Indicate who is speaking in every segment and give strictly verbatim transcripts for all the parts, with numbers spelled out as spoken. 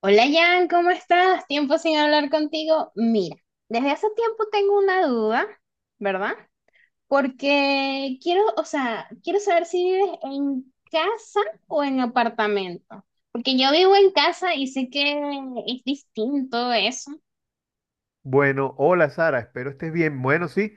Speaker 1: Hola Jan, ¿cómo estás? Tiempo sin hablar contigo. Mira, desde hace tiempo tengo una duda, ¿verdad? Porque quiero, o sea, quiero saber si vives en casa o en apartamento. Porque yo vivo en casa y sé que es distinto eso.
Speaker 2: Bueno, hola Sara, espero estés bien. Bueno, sí,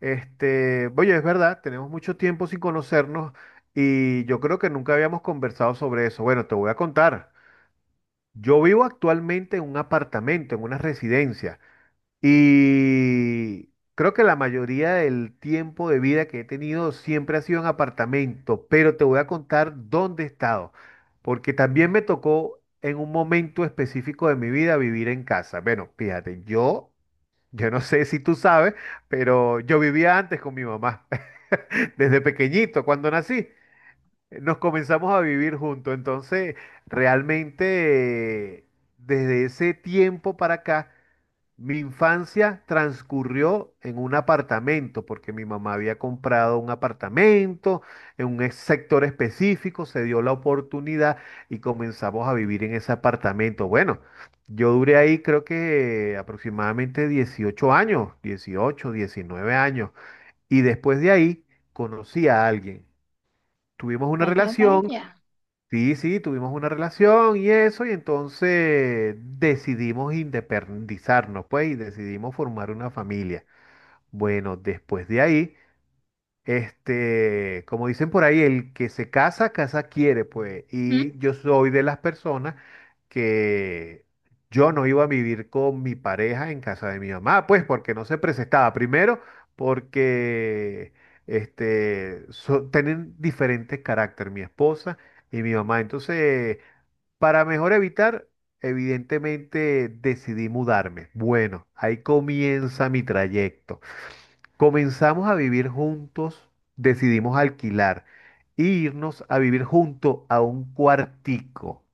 Speaker 2: este, oye, es verdad, tenemos mucho tiempo sin conocernos y yo creo que nunca habíamos conversado sobre eso. Bueno, te voy a contar. Yo vivo actualmente en un apartamento, en una residencia, y creo que la mayoría del tiempo de vida que he tenido siempre ha sido en apartamento, pero te voy a contar dónde he estado, porque también me tocó en un momento específico de mi vida vivir en casa. Bueno, fíjate, yo... Yo no sé si tú sabes, pero yo vivía antes con mi mamá. Desde pequeñito, cuando nací, nos comenzamos a vivir juntos. Entonces, realmente, eh, desde ese tiempo para acá, mi infancia transcurrió en un apartamento, porque mi mamá había comprado un apartamento en un ex- sector específico, se dio la oportunidad y comenzamos a vivir en ese apartamento. Bueno, yo duré ahí creo que aproximadamente dieciocho años, dieciocho, diecinueve años, y después de ahí conocí a alguien. Tuvimos una
Speaker 1: Vaya,
Speaker 2: relación.
Speaker 1: vaya.
Speaker 2: Sí, sí, tuvimos una relación y eso, y entonces decidimos independizarnos, pues, y decidimos formar una familia. Bueno, después de ahí, este, como dicen por ahí, el que se casa, casa quiere, pues. Y yo soy de las personas que yo no iba a vivir con mi pareja en casa de mi mamá, pues porque no se presentaba. Primero, porque este, so- tienen diferentes carácter mi esposa y mi mamá. Entonces, para mejor evitar, evidentemente decidí mudarme. Bueno, ahí comienza mi trayecto. Comenzamos a vivir juntos, decidimos alquilar e irnos a vivir junto a un cuartico.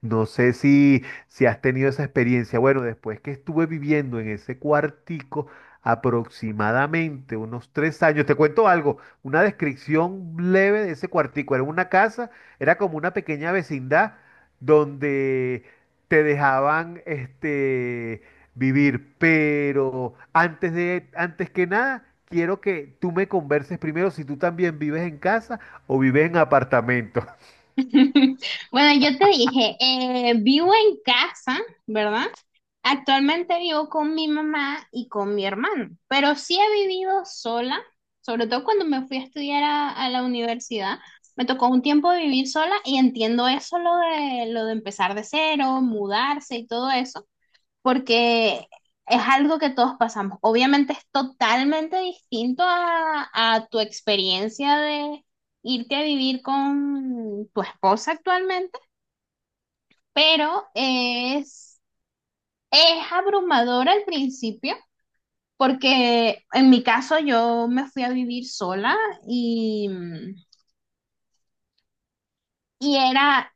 Speaker 2: No sé si, si has tenido esa experiencia. Bueno, después que estuve viviendo en ese cuartico aproximadamente unos tres años, te cuento algo, una descripción leve de ese cuartico. Era una casa, era como una pequeña vecindad donde te dejaban este, vivir, pero antes de, antes que nada, quiero que tú me converses primero si tú también vives en casa o vives en apartamento.
Speaker 1: Bueno, yo te dije, eh, vivo en casa, ¿verdad? Actualmente vivo con mi mamá y con mi hermano, pero sí he vivido sola, sobre todo cuando me fui a estudiar a, a la universidad. Me tocó un tiempo vivir sola y entiendo eso, lo de, lo de empezar de cero, mudarse y todo eso porque es algo que todos pasamos. Obviamente es totalmente distinto a, a tu experiencia de irte a vivir con tu esposa actualmente, pero es, es abrumador al principio, porque en mi caso yo me fui a vivir sola y, y era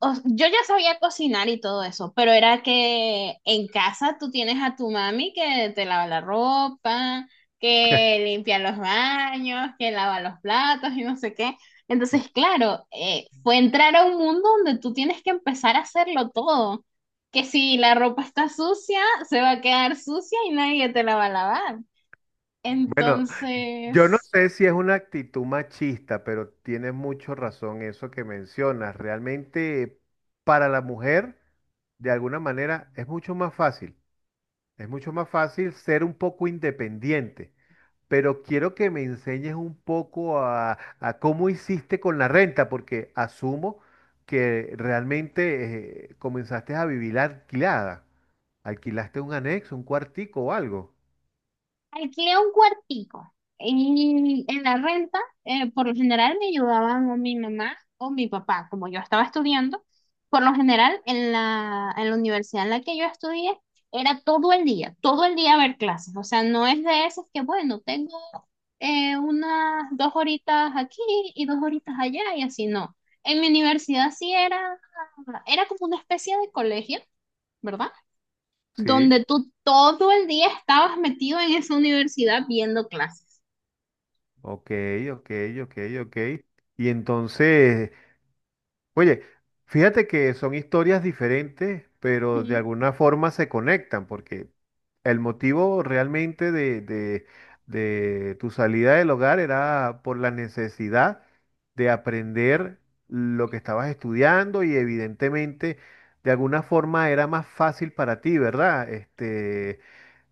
Speaker 1: o- yo ya sabía cocinar y todo eso, pero era que en casa tú tienes a tu mami que te lava la ropa, que limpia los baños, que lava los platos y no sé qué. Entonces, claro, eh, fue entrar a un mundo donde tú tienes que empezar a hacerlo todo. Que si la ropa está sucia, se va a quedar sucia y nadie te la va a lavar.
Speaker 2: Bueno, Yo
Speaker 1: Entonces...
Speaker 2: no sé si es una actitud machista, pero tienes mucho razón eso que mencionas. Realmente para la mujer, de alguna manera, es mucho más fácil. Es mucho más fácil ser un poco independiente. Pero quiero que me enseñes un poco a, a cómo hiciste con la renta, porque asumo que realmente eh, comenzaste a vivir alquilada. Alquilaste un anexo, un cuartico o algo.
Speaker 1: Alquilé un cuartico y en la renta, eh, por lo general me ayudaban o mi mamá o mi papá, como yo estaba estudiando. Por lo general, en la, en la universidad en la que yo estudié, era todo el día, todo el día ver clases. O sea, no es de esas que, bueno, tengo eh, unas dos horitas aquí y dos horitas allá y así no. En mi universidad sí era, era como una especie de colegio, ¿verdad?
Speaker 2: Sí.
Speaker 1: Donde tú todo el día estabas metido en esa universidad viendo clases.
Speaker 2: Ok, ok, ok, ok. Y entonces, oye, fíjate que son historias diferentes, pero de
Speaker 1: Ujú.
Speaker 2: alguna forma se conectan, porque el motivo realmente de, de- de tu salida del hogar era por la necesidad de aprender lo que estabas estudiando y evidentemente de alguna forma era más fácil para ti, ¿verdad? Este,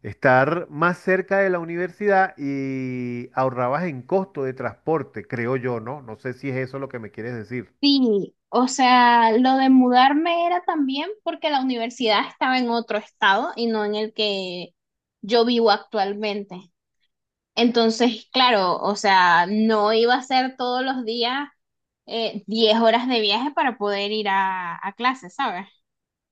Speaker 2: estar más cerca de la universidad y ahorrabas en costo de transporte, creo yo, ¿no? No sé si es eso lo que me quieres decir.
Speaker 1: Sí, o sea, lo de mudarme era también porque la universidad estaba en otro estado y no en el que yo vivo actualmente. Entonces, claro, o sea, no iba a ser todos los días eh, diez horas de viaje para poder ir a, a clases, ¿sabes?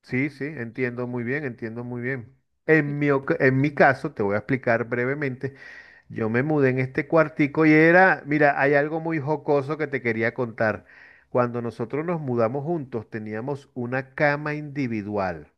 Speaker 2: Sí, sí, entiendo muy bien, entiendo muy bien. En mi, oca- en mi caso, te voy a explicar brevemente, yo me mudé en este cuartico y era, mira, hay algo muy jocoso que te quería contar. Cuando nosotros nos mudamos juntos, teníamos una cama individual.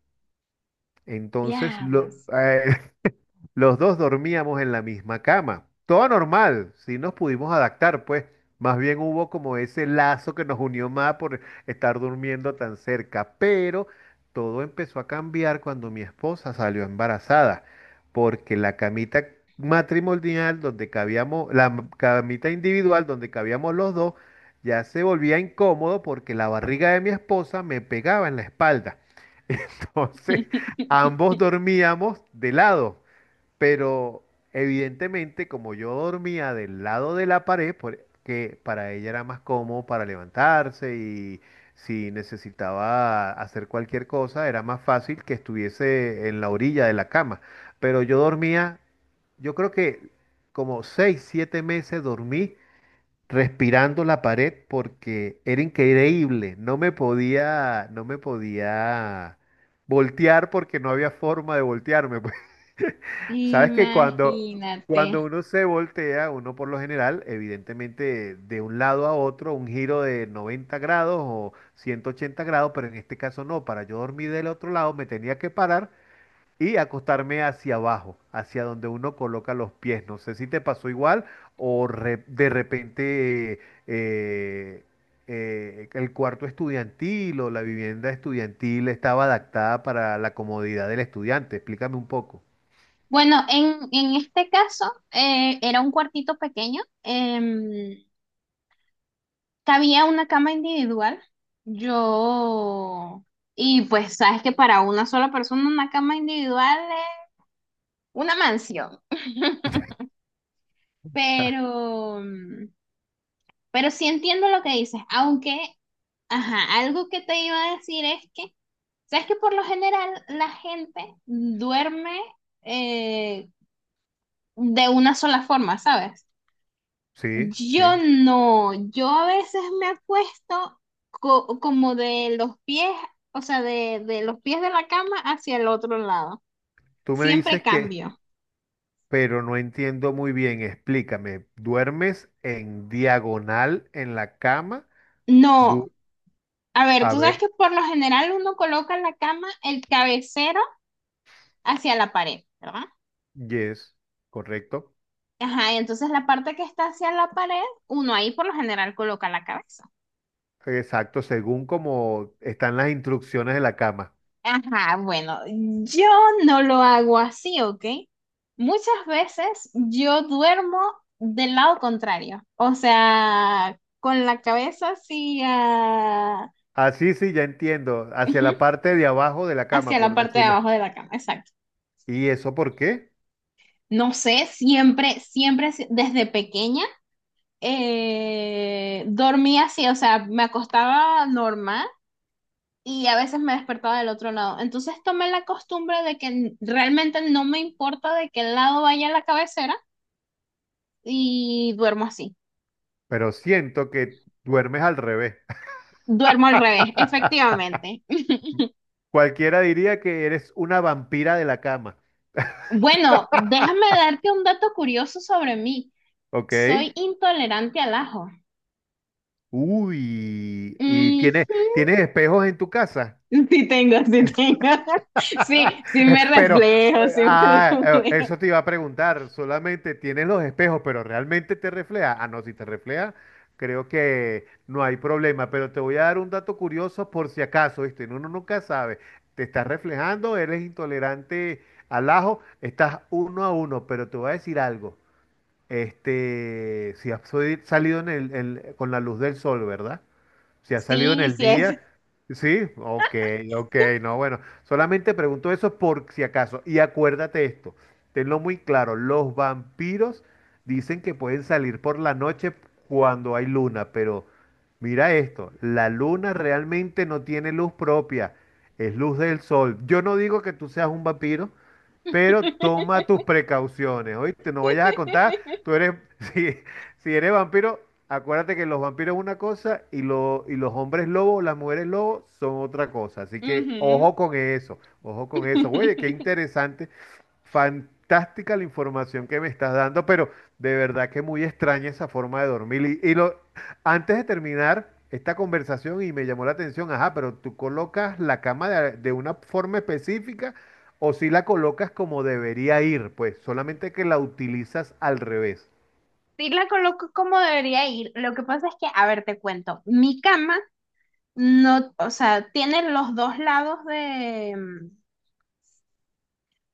Speaker 2: Entonces, lo,
Speaker 1: Diablos.
Speaker 2: Los dos dormíamos en la misma cama. Todo normal, sí nos pudimos adaptar, pues. Más bien hubo como ese lazo que nos unió más por estar durmiendo tan cerca. Pero todo empezó a cambiar cuando mi esposa salió embarazada, porque la camita matrimonial donde cabíamos, la m- camita individual donde cabíamos los dos, ya se volvía incómodo porque la barriga de mi esposa me pegaba en la espalda. Entonces, ambos dormíamos de lado. Pero evidentemente, como yo dormía del lado de la pared, por- que para ella era más cómodo para levantarse y si necesitaba hacer cualquier cosa, era más fácil que estuviese en la orilla de la cama. Pero yo dormía, yo creo que como seis, siete meses dormí respirando la pared porque era increíble, no me podía, no me podía voltear porque no había forma de voltearme. Sabes que cuando,
Speaker 1: Imagínate.
Speaker 2: cuando uno se voltea, uno por lo general, evidentemente de un lado a otro, un giro de noventa grados o ciento ochenta grados, pero en este caso no, para yo dormir del otro lado me tenía que parar y acostarme hacia abajo, hacia donde uno coloca los pies. No sé si te pasó igual o re- de repente eh, eh, el cuarto estudiantil o la vivienda estudiantil estaba adaptada para la comodidad del estudiante. Explícame un poco.
Speaker 1: Bueno, en, en este caso eh, era un cuartito pequeño, em, cabía una cama individual, yo, y pues sabes que para una sola persona una cama individual es una mansión, pero, mm, pero sí entiendo lo que dices, aunque, ajá, algo que te iba a decir es que, sabes que por lo general la gente duerme eh, de una sola forma, ¿sabes?
Speaker 2: Sí,
Speaker 1: Yo
Speaker 2: sí.
Speaker 1: no, yo a veces me acuesto co- como de los pies, o sea, de, de los pies de la cama hacia el otro lado.
Speaker 2: Tú me
Speaker 1: Siempre
Speaker 2: dices que,
Speaker 1: cambio.
Speaker 2: pero no entiendo muy bien. Explícame. ¿Duermes en diagonal en la cama?
Speaker 1: No,
Speaker 2: Du-
Speaker 1: a ver,
Speaker 2: a
Speaker 1: tú sabes
Speaker 2: ver,
Speaker 1: que por lo general uno coloca la cama, el cabecero hacia la pared, ¿verdad?
Speaker 2: yes, correcto.
Speaker 1: Ajá, y entonces la parte que está hacia la pared, uno ahí por lo general coloca la cabeza.
Speaker 2: Exacto, según como están las instrucciones de la cama.
Speaker 1: Ajá, bueno, yo no lo hago así, ¿ok? Muchas veces yo duermo del lado contrario, o sea, con la cabeza hacia,
Speaker 2: Así sí, sí, ya entiendo. Hacia
Speaker 1: ujú,
Speaker 2: la parte de abajo de la cama,
Speaker 1: hacia la
Speaker 2: por
Speaker 1: parte de
Speaker 2: decirlo.
Speaker 1: abajo de la cama, exacto.
Speaker 2: ¿Y eso por qué?
Speaker 1: No sé, siempre, siempre, si- desde pequeña, eh, dormía así, o sea, me acostaba normal y a veces me despertaba del otro lado. Entonces tomé la costumbre de que realmente no me importa de qué lado vaya la cabecera y duermo así.
Speaker 2: Pero siento que duermes al revés.
Speaker 1: Duermo al revés, efectivamente.
Speaker 2: Cualquiera diría que eres una vampira de la cama.
Speaker 1: Bueno, déjame darte un dato curioso sobre mí.
Speaker 2: ¿Ok?
Speaker 1: Soy intolerante al ajo.
Speaker 2: Uy, y
Speaker 1: Mm,
Speaker 2: tienes, tienes espejos en tu casa.
Speaker 1: Sí tengo, sí tengo. Sí, sí me
Speaker 2: Pero,
Speaker 1: reflejo,
Speaker 2: eh,
Speaker 1: sí me
Speaker 2: ah, eh,
Speaker 1: reflejo.
Speaker 2: eso te iba a preguntar, solamente tienes los espejos, pero realmente te refleja. Ah, no, si te refleja, creo que no hay problema, pero te voy a dar un dato curioso por si acaso, ¿viste? Uno nunca sabe. Te estás reflejando, eres intolerante al ajo, estás uno a uno, pero te voy a decir algo. Este, si has sali- salido en el- en- con la luz del sol, ¿verdad? Si ha salido en
Speaker 1: Sí,
Speaker 2: el
Speaker 1: sí es.
Speaker 2: día, sí, ok, ok, no, bueno, solamente pregunto eso por si acaso. Y acuérdate esto, tenlo muy claro, los vampiros dicen que pueden salir por la noche cuando hay luna, pero mira esto, la luna realmente no tiene luz propia, es luz del sol. Yo no digo que tú seas un vampiro, pero toma tus precauciones, ¿oíste? No vayas a contar, tú eres, si, si eres vampiro, acuérdate que los vampiros es una cosa y, lo- y los hombres lobos, las mujeres lobos son otra cosa, así que
Speaker 1: Ujú.
Speaker 2: ojo con eso, ojo con eso, güey, qué interesante. Fantástica la información que me estás dando, pero de verdad que muy extraña esa forma de dormir. Y, y lo, antes de terminar esta conversación, y me llamó la atención, ajá, pero tú colocas la cama de, de una forma específica o si la colocas como debería ir, pues solamente que la utilizas al revés.
Speaker 1: Sí la coloco como debería ir. Lo que pasa es que, a ver, te cuento. Mi cama no, o sea, tiene los dos lados de,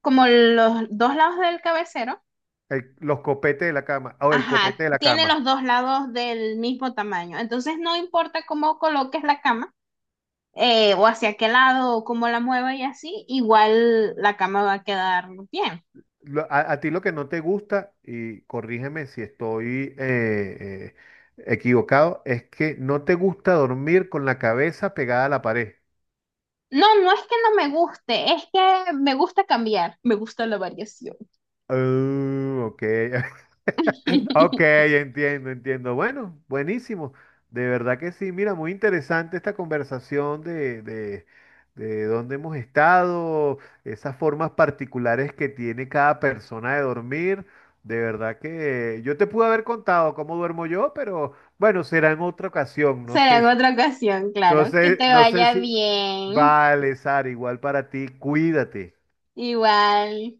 Speaker 1: como los dos lados del cabecero,
Speaker 2: El- los copetes de la cama, o el
Speaker 1: ajá,
Speaker 2: copete de la
Speaker 1: tiene
Speaker 2: cama.
Speaker 1: los dos lados del mismo tamaño. Entonces no importa cómo coloques la cama, eh, o hacia qué lado, o cómo la mueva y así, igual la cama va a quedar bien.
Speaker 2: Lo- a, a ti lo que no te gusta, y corrígeme si estoy eh, eh, equivocado, es que no te gusta dormir con la cabeza pegada a la pared.
Speaker 1: No, no es que no me guste, es que me gusta cambiar, me gusta la variación.
Speaker 2: Oh, ok. Ok, entiendo, entiendo. Bueno, buenísimo. De verdad que sí. Mira, muy interesante esta conversación de, de, de dónde hemos estado, esas formas particulares que tiene cada persona de dormir. De verdad que yo te pude haber contado cómo duermo yo, pero bueno, será en otra ocasión. No
Speaker 1: Será
Speaker 2: sé,
Speaker 1: en
Speaker 2: si-
Speaker 1: otra ocasión,
Speaker 2: no
Speaker 1: claro. Que
Speaker 2: sé,
Speaker 1: te
Speaker 2: no sé
Speaker 1: vaya
Speaker 2: si.
Speaker 1: bien.
Speaker 2: Vale, Sara, igual para ti. Cuídate.
Speaker 1: Igual.